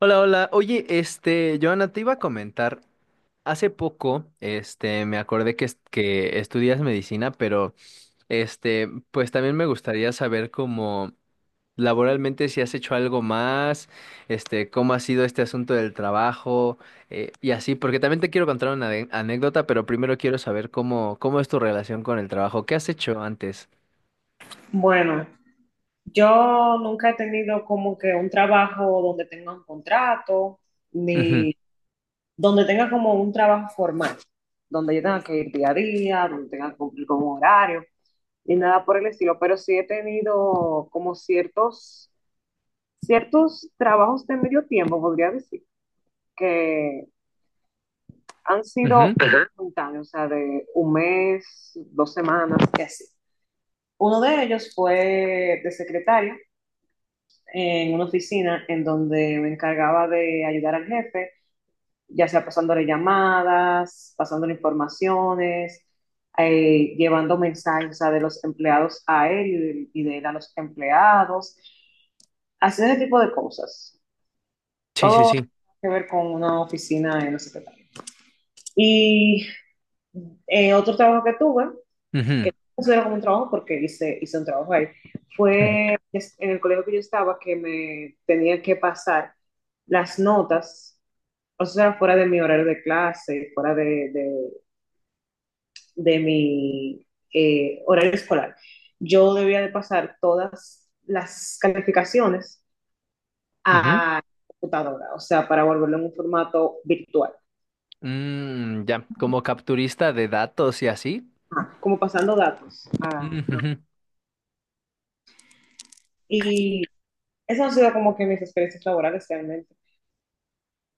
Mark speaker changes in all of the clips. Speaker 1: Hola, hola. Oye, Joana, te iba a comentar, hace poco, me acordé que estudias medicina, pero, pues también me gustaría saber cómo laboralmente si has hecho algo más, cómo ha sido este asunto del trabajo, y así, porque también te quiero contar una anécdota, pero primero quiero saber cómo es tu relación con el trabajo. ¿Qué has hecho antes?
Speaker 2: Bueno, yo nunca he tenido como que un trabajo donde tenga un contrato, ni donde tenga como un trabajo formal, donde yo tenga que ir día a día, donde tenga que cumplir con un horario, ni nada por el estilo, pero sí he tenido como ciertos trabajos de medio tiempo, podría decir, que han
Speaker 1: Ujú, ujú.
Speaker 2: sido, ajá, espontáneos, o sea, de un mes, 2 semanas, y así. Uno de ellos fue de secretaria en una oficina en donde me encargaba de ayudar al jefe, ya sea pasándole llamadas, pasándole informaciones, llevando mensajes, o sea, de los empleados a él y de él a los empleados, haciendo ese tipo de cosas.
Speaker 1: Sí, sí,
Speaker 2: Todo
Speaker 1: sí.
Speaker 2: que ver con una oficina en la secretaría. Y otro trabajo que tuve, que
Speaker 1: Ujú,
Speaker 2: no considero como un trabajo porque hice un trabajo ahí,
Speaker 1: ujú,
Speaker 2: fue en el colegio que yo estaba, que me tenía que pasar las notas, o sea, fuera de mi horario de clase, fuera de mi horario escolar, yo debía de pasar todas las calificaciones
Speaker 1: ujú.
Speaker 2: a computadora, o sea, para volverlo en un formato virtual.
Speaker 1: Mm, ya, como capturista de datos y así.
Speaker 2: Ajá, como pasando datos.
Speaker 1: Ujujú.
Speaker 2: Y esas han sido como que mis experiencias laborales realmente.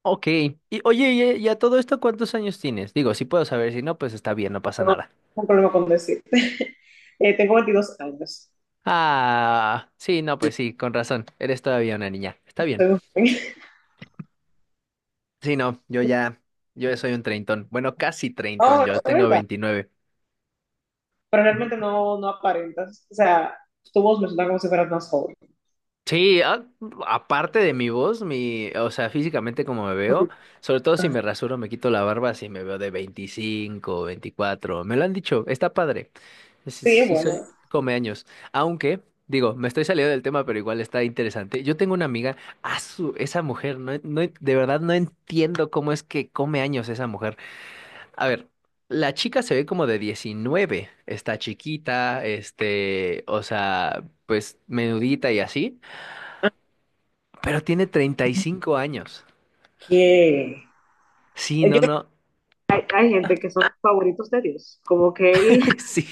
Speaker 1: Ok. Y oye, y a todo esto, ¿cuántos años tienes? Digo, si puedo saber, si no, pues está bien, no pasa
Speaker 2: No
Speaker 1: nada.
Speaker 2: tengo problema con decirte. Tengo 22 años.
Speaker 1: Ah, sí, no, pues sí, con razón. Eres todavía una niña. Está bien.
Speaker 2: Soy un joven.
Speaker 1: Sí, no, yo soy un treintón. Bueno, casi treintón,
Speaker 2: No, es
Speaker 1: yo tengo
Speaker 2: verdad.
Speaker 1: 29.
Speaker 2: Pero
Speaker 1: Ujú.
Speaker 2: realmente no, no aparentas. O sea, tu voz me suena como si fueras más joven.
Speaker 1: Sí, a- Aparte de mi voz, o sea, físicamente como me veo, sobre todo si me rasuro, me quito la barba, si me veo de 25 24 me lo han dicho, está padre. Sí,
Speaker 2: Sí,
Speaker 1: sí
Speaker 2: bueno,
Speaker 1: soy comeaños. Aunque, digo, me estoy saliendo del tema, pero igual está interesante. Yo tengo una amiga, su esa mujer, de verdad no entiendo cómo es que come años esa mujer. A ver, la chica se ve como de 19, está chiquita, o sea, pues menudita y así, pero tiene 35 años.
Speaker 2: que
Speaker 1: Sí, no,
Speaker 2: yo
Speaker 1: no,
Speaker 2: hay, hay gente que son favoritos de Dios. Como que él,
Speaker 1: sí.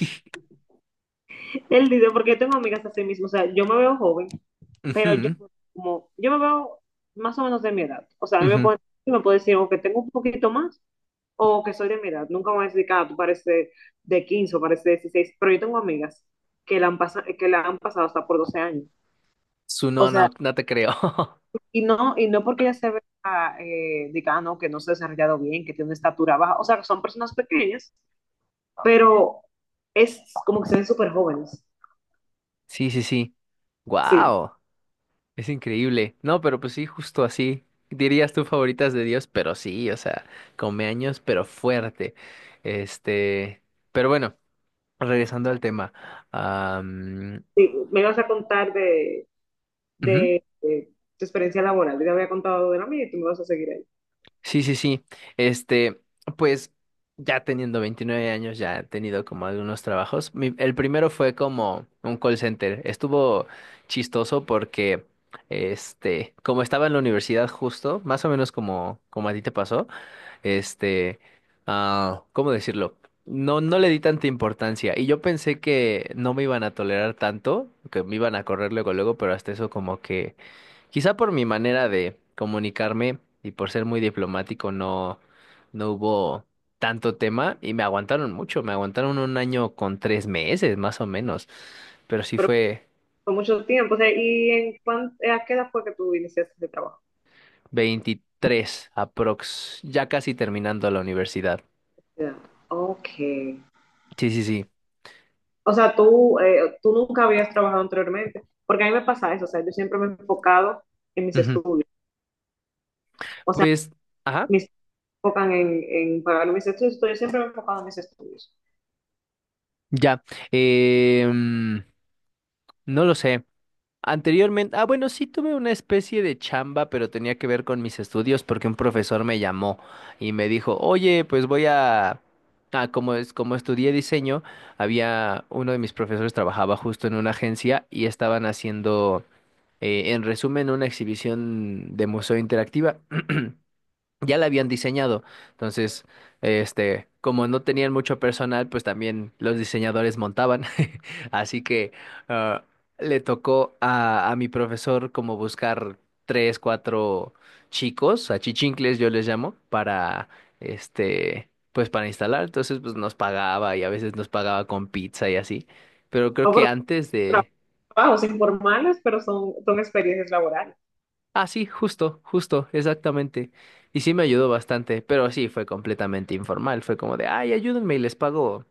Speaker 2: él dice, porque yo tengo amigas así mismo. O sea, yo me veo joven, pero
Speaker 1: Ujú,
Speaker 2: yo me veo más o menos de mi edad. O sea, a mí me
Speaker 1: ujú.
Speaker 2: puede, me puede decir o que tengo un poquito más o que soy de mi edad. Nunca me van a decir, ah, tú pareces de 15 o pareces de 16. Pero yo tengo amigas que la han pasado hasta por 12 años.
Speaker 1: Su
Speaker 2: O
Speaker 1: No,
Speaker 2: sea,
Speaker 1: no, no te creo.
Speaker 2: y no, y no porque ella se vea, diga: "Ah, no, que no se ha desarrollado bien, que tiene una estatura baja". O sea, son personas pequeñas, pero es como que se ven súper jóvenes.
Speaker 1: Sí, sí, sí.
Speaker 2: Sí,
Speaker 1: Wow. Es increíble. No, pero pues sí, justo así. Dirías tú favoritas de Dios, pero sí, o sea, come años, pero fuerte. Este, pero bueno, regresando al tema. am,
Speaker 2: sí. Me vas a contar de,
Speaker 1: ujú,
Speaker 2: de tu experiencia laboral. Yo te había contado de la mía y tú me vas a seguir ahí.
Speaker 1: sí, sí, sí. Este, pues ya teniendo 29 años, ya he tenido como algunos trabajos. El primero fue como un call center. Estuvo chistoso porque, como estaba en la universidad justo, más o menos como a ti te pasó. Este, ¿Cómo decirlo? No, no le di tanta importancia. Y yo pensé que no me iban a tolerar tanto, que me iban a correr luego, luego, pero hasta eso como que, quizá por mi manera de comunicarme y por ser muy diplomático, no, no hubo tanto tema y me aguantaron mucho, me aguantaron un año con tres meses, más o menos, pero sí
Speaker 2: Pero
Speaker 1: fue
Speaker 2: fue mucho tiempo. O sea, ¿y a qué edad fue que tú iniciaste este trabajo?
Speaker 1: 23 aprox, ya casi terminando la universidad.
Speaker 2: Ya. Ok.
Speaker 1: Sí, sí, sí.
Speaker 2: O sea, tú nunca habías trabajado anteriormente. Porque a mí me pasa eso. O sea, yo siempre me he enfocado en mis
Speaker 1: Ujú.
Speaker 2: estudios. O sea,
Speaker 1: Pues... ajá.
Speaker 2: mis enfocan en pagar mis estudios. Yo siempre me he enfocado en mis estudios.
Speaker 1: Ya, eh, mm, no lo sé. Anteriormente, ah, bueno, sí tuve una especie de chamba, pero tenía que ver con mis estudios porque un profesor me llamó y me dijo, oye, pues voy a... Ah, como estudié diseño, había uno de mis profesores trabajaba justo en una agencia y estaban haciendo, en resumen, una exhibición de museo interactiva. Ya la habían diseñado. Entonces, como no tenían mucho personal, pues también los diseñadores montaban. Así que ah, le tocó a mi profesor como buscar tres, cuatro chicos, achichincles yo les llamo, para pues para instalar. Entonces, pues nos pagaba y a veces nos pagaba con pizza y así. Pero creo
Speaker 2: No,
Speaker 1: que
Speaker 2: pero
Speaker 1: antes
Speaker 2: son
Speaker 1: de...
Speaker 2: trabajos informales, pero son experiencias laborales.
Speaker 1: Ah, sí, justo, justo, exactamente. Y sí me ayudó bastante, pero sí fue completamente informal. Fue como de, ay, ayúdenme y les pago,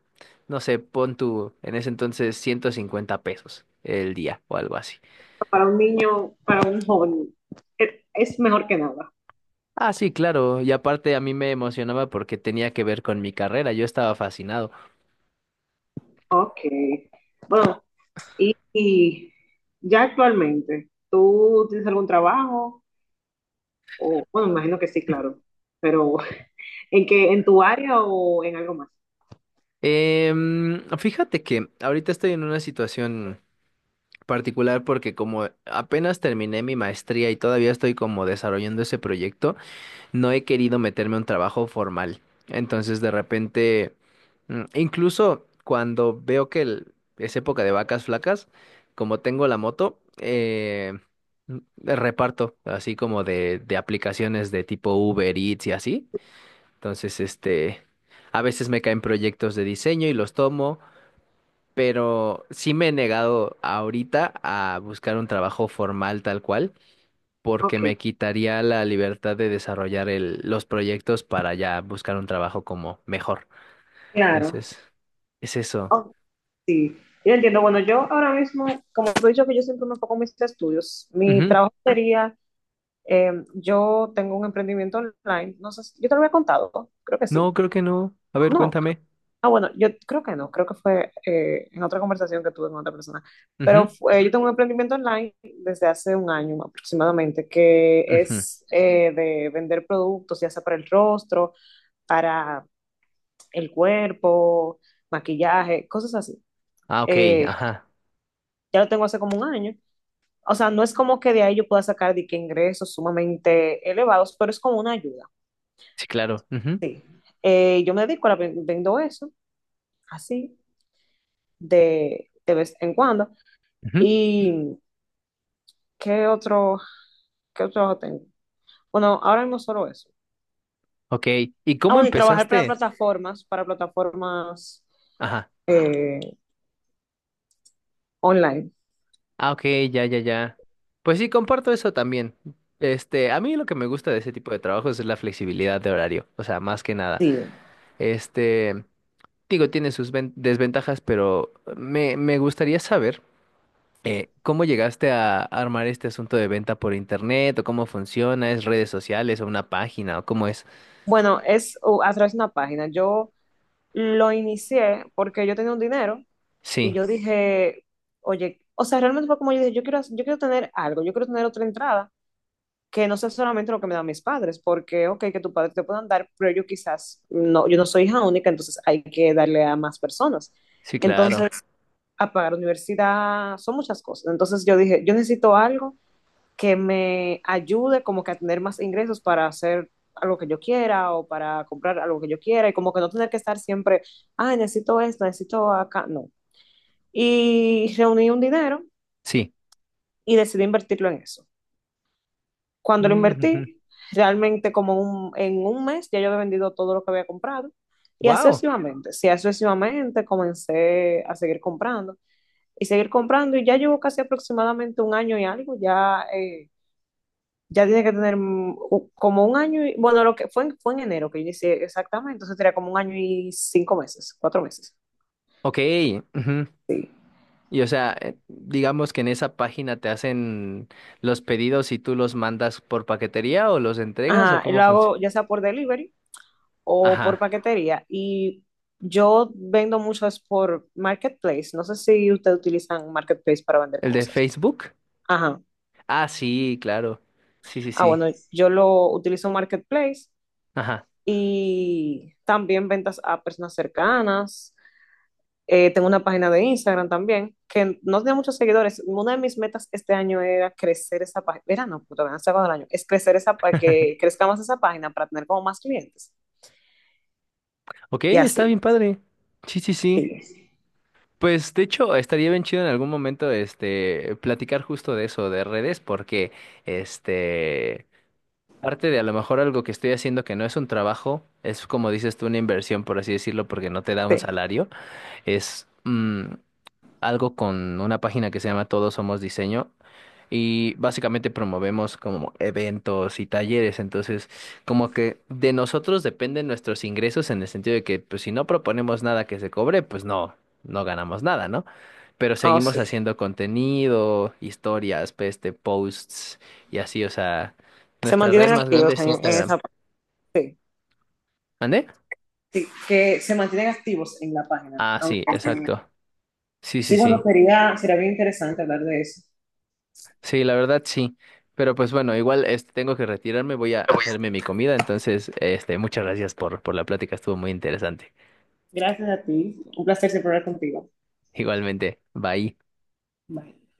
Speaker 1: no sé, pon tu, en ese entonces, 150 pesos el día o algo así.
Speaker 2: Para un niño, para un joven, es mejor que nada.
Speaker 1: Ah, sí, claro. Y aparte a mí me emocionaba porque tenía que ver con mi carrera. Yo estaba fascinado.
Speaker 2: Ok. Bueno, y ya actualmente, ¿tú tienes algún trabajo? O, bueno, me imagino que sí, claro. Pero en tu área o en algo más?
Speaker 1: Fíjate que ahorita estoy en una situación particular porque como apenas terminé mi maestría y todavía estoy como desarrollando ese proyecto. No he querido meterme a un trabajo formal. Entonces, de repente, incluso cuando veo que es época de vacas flacas, como tengo la moto, reparto, así como de aplicaciones de tipo Uber Eats y así. Entonces, a veces me caen proyectos de diseño y los tomo, pero sí me he negado ahorita a buscar un trabajo formal tal cual porque
Speaker 2: Ok,
Speaker 1: me quitaría la libertad de desarrollar los proyectos para ya buscar un trabajo como mejor.
Speaker 2: claro.
Speaker 1: Entonces, es eso.
Speaker 2: Sí, yo entiendo. Bueno, yo ahora mismo, como te he dicho, que yo siempre me enfoco en mis estudios, mi
Speaker 1: Ujú.
Speaker 2: trabajo sería, yo tengo un emprendimiento online, no sé, yo te lo había contado, creo que
Speaker 1: No,
Speaker 2: sí.
Speaker 1: creo que no. A ver,
Speaker 2: No,
Speaker 1: cuéntame.
Speaker 2: ah, bueno, yo creo que no, creo que fue, en otra conversación que tuve con otra persona, pero
Speaker 1: Ujú,
Speaker 2: yo tengo un emprendimiento online desde hace un año aproximadamente, que
Speaker 1: ujú.
Speaker 2: es, de vender productos, ya sea para el rostro, para el cuerpo, maquillaje, cosas así.
Speaker 1: Ah, ok,
Speaker 2: Eh,
Speaker 1: ajá.
Speaker 2: ya lo tengo hace como un año. O sea, no es como que de ahí yo pueda sacar de que ingresos sumamente elevados, pero es como una ayuda.
Speaker 1: Sí, claro. Ujú,
Speaker 2: Sí. Yo me dedico a la, vendo eso, así, de vez en cuando.
Speaker 1: ujú.
Speaker 2: ¿Y qué otro, qué otro trabajo tengo? Bueno, ahora mismo solo eso.
Speaker 1: Ok, ¿y
Speaker 2: Ah,
Speaker 1: cómo
Speaker 2: bueno, y trabajar para
Speaker 1: empezaste?
Speaker 2: plataformas
Speaker 1: Ajá.
Speaker 2: eh, online.
Speaker 1: Ah, ok, ya, ya, ya. Pues sí, comparto eso también. A mí lo que me gusta de ese tipo de trabajos es la flexibilidad de horario, o sea, más que nada.
Speaker 2: Sí.
Speaker 1: Este, Digo, tiene sus desventajas, me gustaría saber cómo llegaste a armar este asunto de venta por internet o cómo funciona, es redes sociales o una página o cómo es.
Speaker 2: Bueno, es, a través de una página. Yo lo inicié porque yo tenía un dinero. Y
Speaker 1: Sí,
Speaker 2: yo dije, oye, o sea, realmente fue como yo dije, yo quiero, tener algo, yo quiero tener otra entrada que no sea solamente lo que me dan mis padres, porque, ok, que tus padres te puedan dar, pero yo quizás, no, yo no soy hija única, entonces hay que darle a más personas.
Speaker 1: sí, claro.
Speaker 2: Entonces, a pagar universidad, son muchas cosas. Entonces yo dije, yo necesito algo que me ayude como que a tener más ingresos para hacer algo que yo quiera o para comprar algo que yo quiera y como que no tener que estar siempre, ah, necesito esto, necesito acá. No, y reuní un dinero
Speaker 1: Sí.
Speaker 2: y decidí invertirlo en eso. Cuando lo invertí, realmente como en un mes ya yo había vendido todo lo que había comprado y
Speaker 1: Wow.
Speaker 2: sucesivamente, sí, sucesivamente comencé a seguir comprando y seguir comprando, y ya llevo casi aproximadamente un año y algo, ya, ya tiene que tener, como un año, y, bueno, lo que fue en enero que yo hice exactamente, entonces tenía como un año y 5 meses, 4 meses,
Speaker 1: Ok. Ujú.
Speaker 2: sí.
Speaker 1: Y o sea, digamos que en esa página te hacen los pedidos y tú los mandas por paquetería o los entregas o
Speaker 2: Ajá, y
Speaker 1: cómo
Speaker 2: lo
Speaker 1: funciona.
Speaker 2: hago ya sea por delivery o por
Speaker 1: Ajá.
Speaker 2: paquetería. Y yo vendo muchas por Marketplace. No sé si ustedes utilizan Marketplace para vender
Speaker 1: ¿El de
Speaker 2: cosas.
Speaker 1: Facebook?
Speaker 2: Ajá.
Speaker 1: Ah, sí, claro. Sí, sí,
Speaker 2: Ah,
Speaker 1: sí.
Speaker 2: bueno, yo lo utilizo Marketplace
Speaker 1: Ajá.
Speaker 2: y también ventas a personas cercanas. Tengo una página de Instagram también, que no tenía muchos seguidores. Una de mis metas este año era crecer esa página. Era, no, puta, todavía no se acaba el año. Es crecer esa para que crezca más esa página para tener como más clientes.
Speaker 1: Ok,
Speaker 2: Y
Speaker 1: está bien
Speaker 2: así,
Speaker 1: padre. Sí, sí, sí.
Speaker 2: sí,
Speaker 1: Pues de hecho, estaría bien chido en algún momento platicar justo de eso, de redes, porque este parte de a lo mejor algo que estoy haciendo que no es un trabajo, es como dices tú, una inversión, por así decirlo, porque no te da un
Speaker 2: sí.
Speaker 1: salario, es algo con una página que se llama Todos Somos Diseño. Y básicamente promovemos como eventos y talleres, entonces como que de nosotros dependen nuestros ingresos en el sentido de que pues si no proponemos nada que se cobre, pues no, no ganamos nada, ¿no? Pero
Speaker 2: Oh,
Speaker 1: seguimos
Speaker 2: sí.
Speaker 1: haciendo contenido, historias, pues, posts y así, o sea,
Speaker 2: Se
Speaker 1: nuestra red
Speaker 2: mantienen
Speaker 1: más
Speaker 2: activos
Speaker 1: grande es
Speaker 2: en
Speaker 1: Instagram.
Speaker 2: esa. Sí,
Speaker 1: ¿Mande?
Speaker 2: sí, que se mantienen activos en la página.
Speaker 1: Ah,
Speaker 2: Aunque,
Speaker 1: sí, exacto. Sí, sí,
Speaker 2: sí, bueno,
Speaker 1: sí.
Speaker 2: sería bien interesante hablar de eso.
Speaker 1: Sí, la verdad sí. Pero pues bueno, igual tengo que retirarme, voy a hacerme mi comida, entonces muchas gracias por la plática, estuvo muy interesante.
Speaker 2: Gracias a ti. Un placer siempre hablar contigo.
Speaker 1: Igualmente, bye.
Speaker 2: Bye.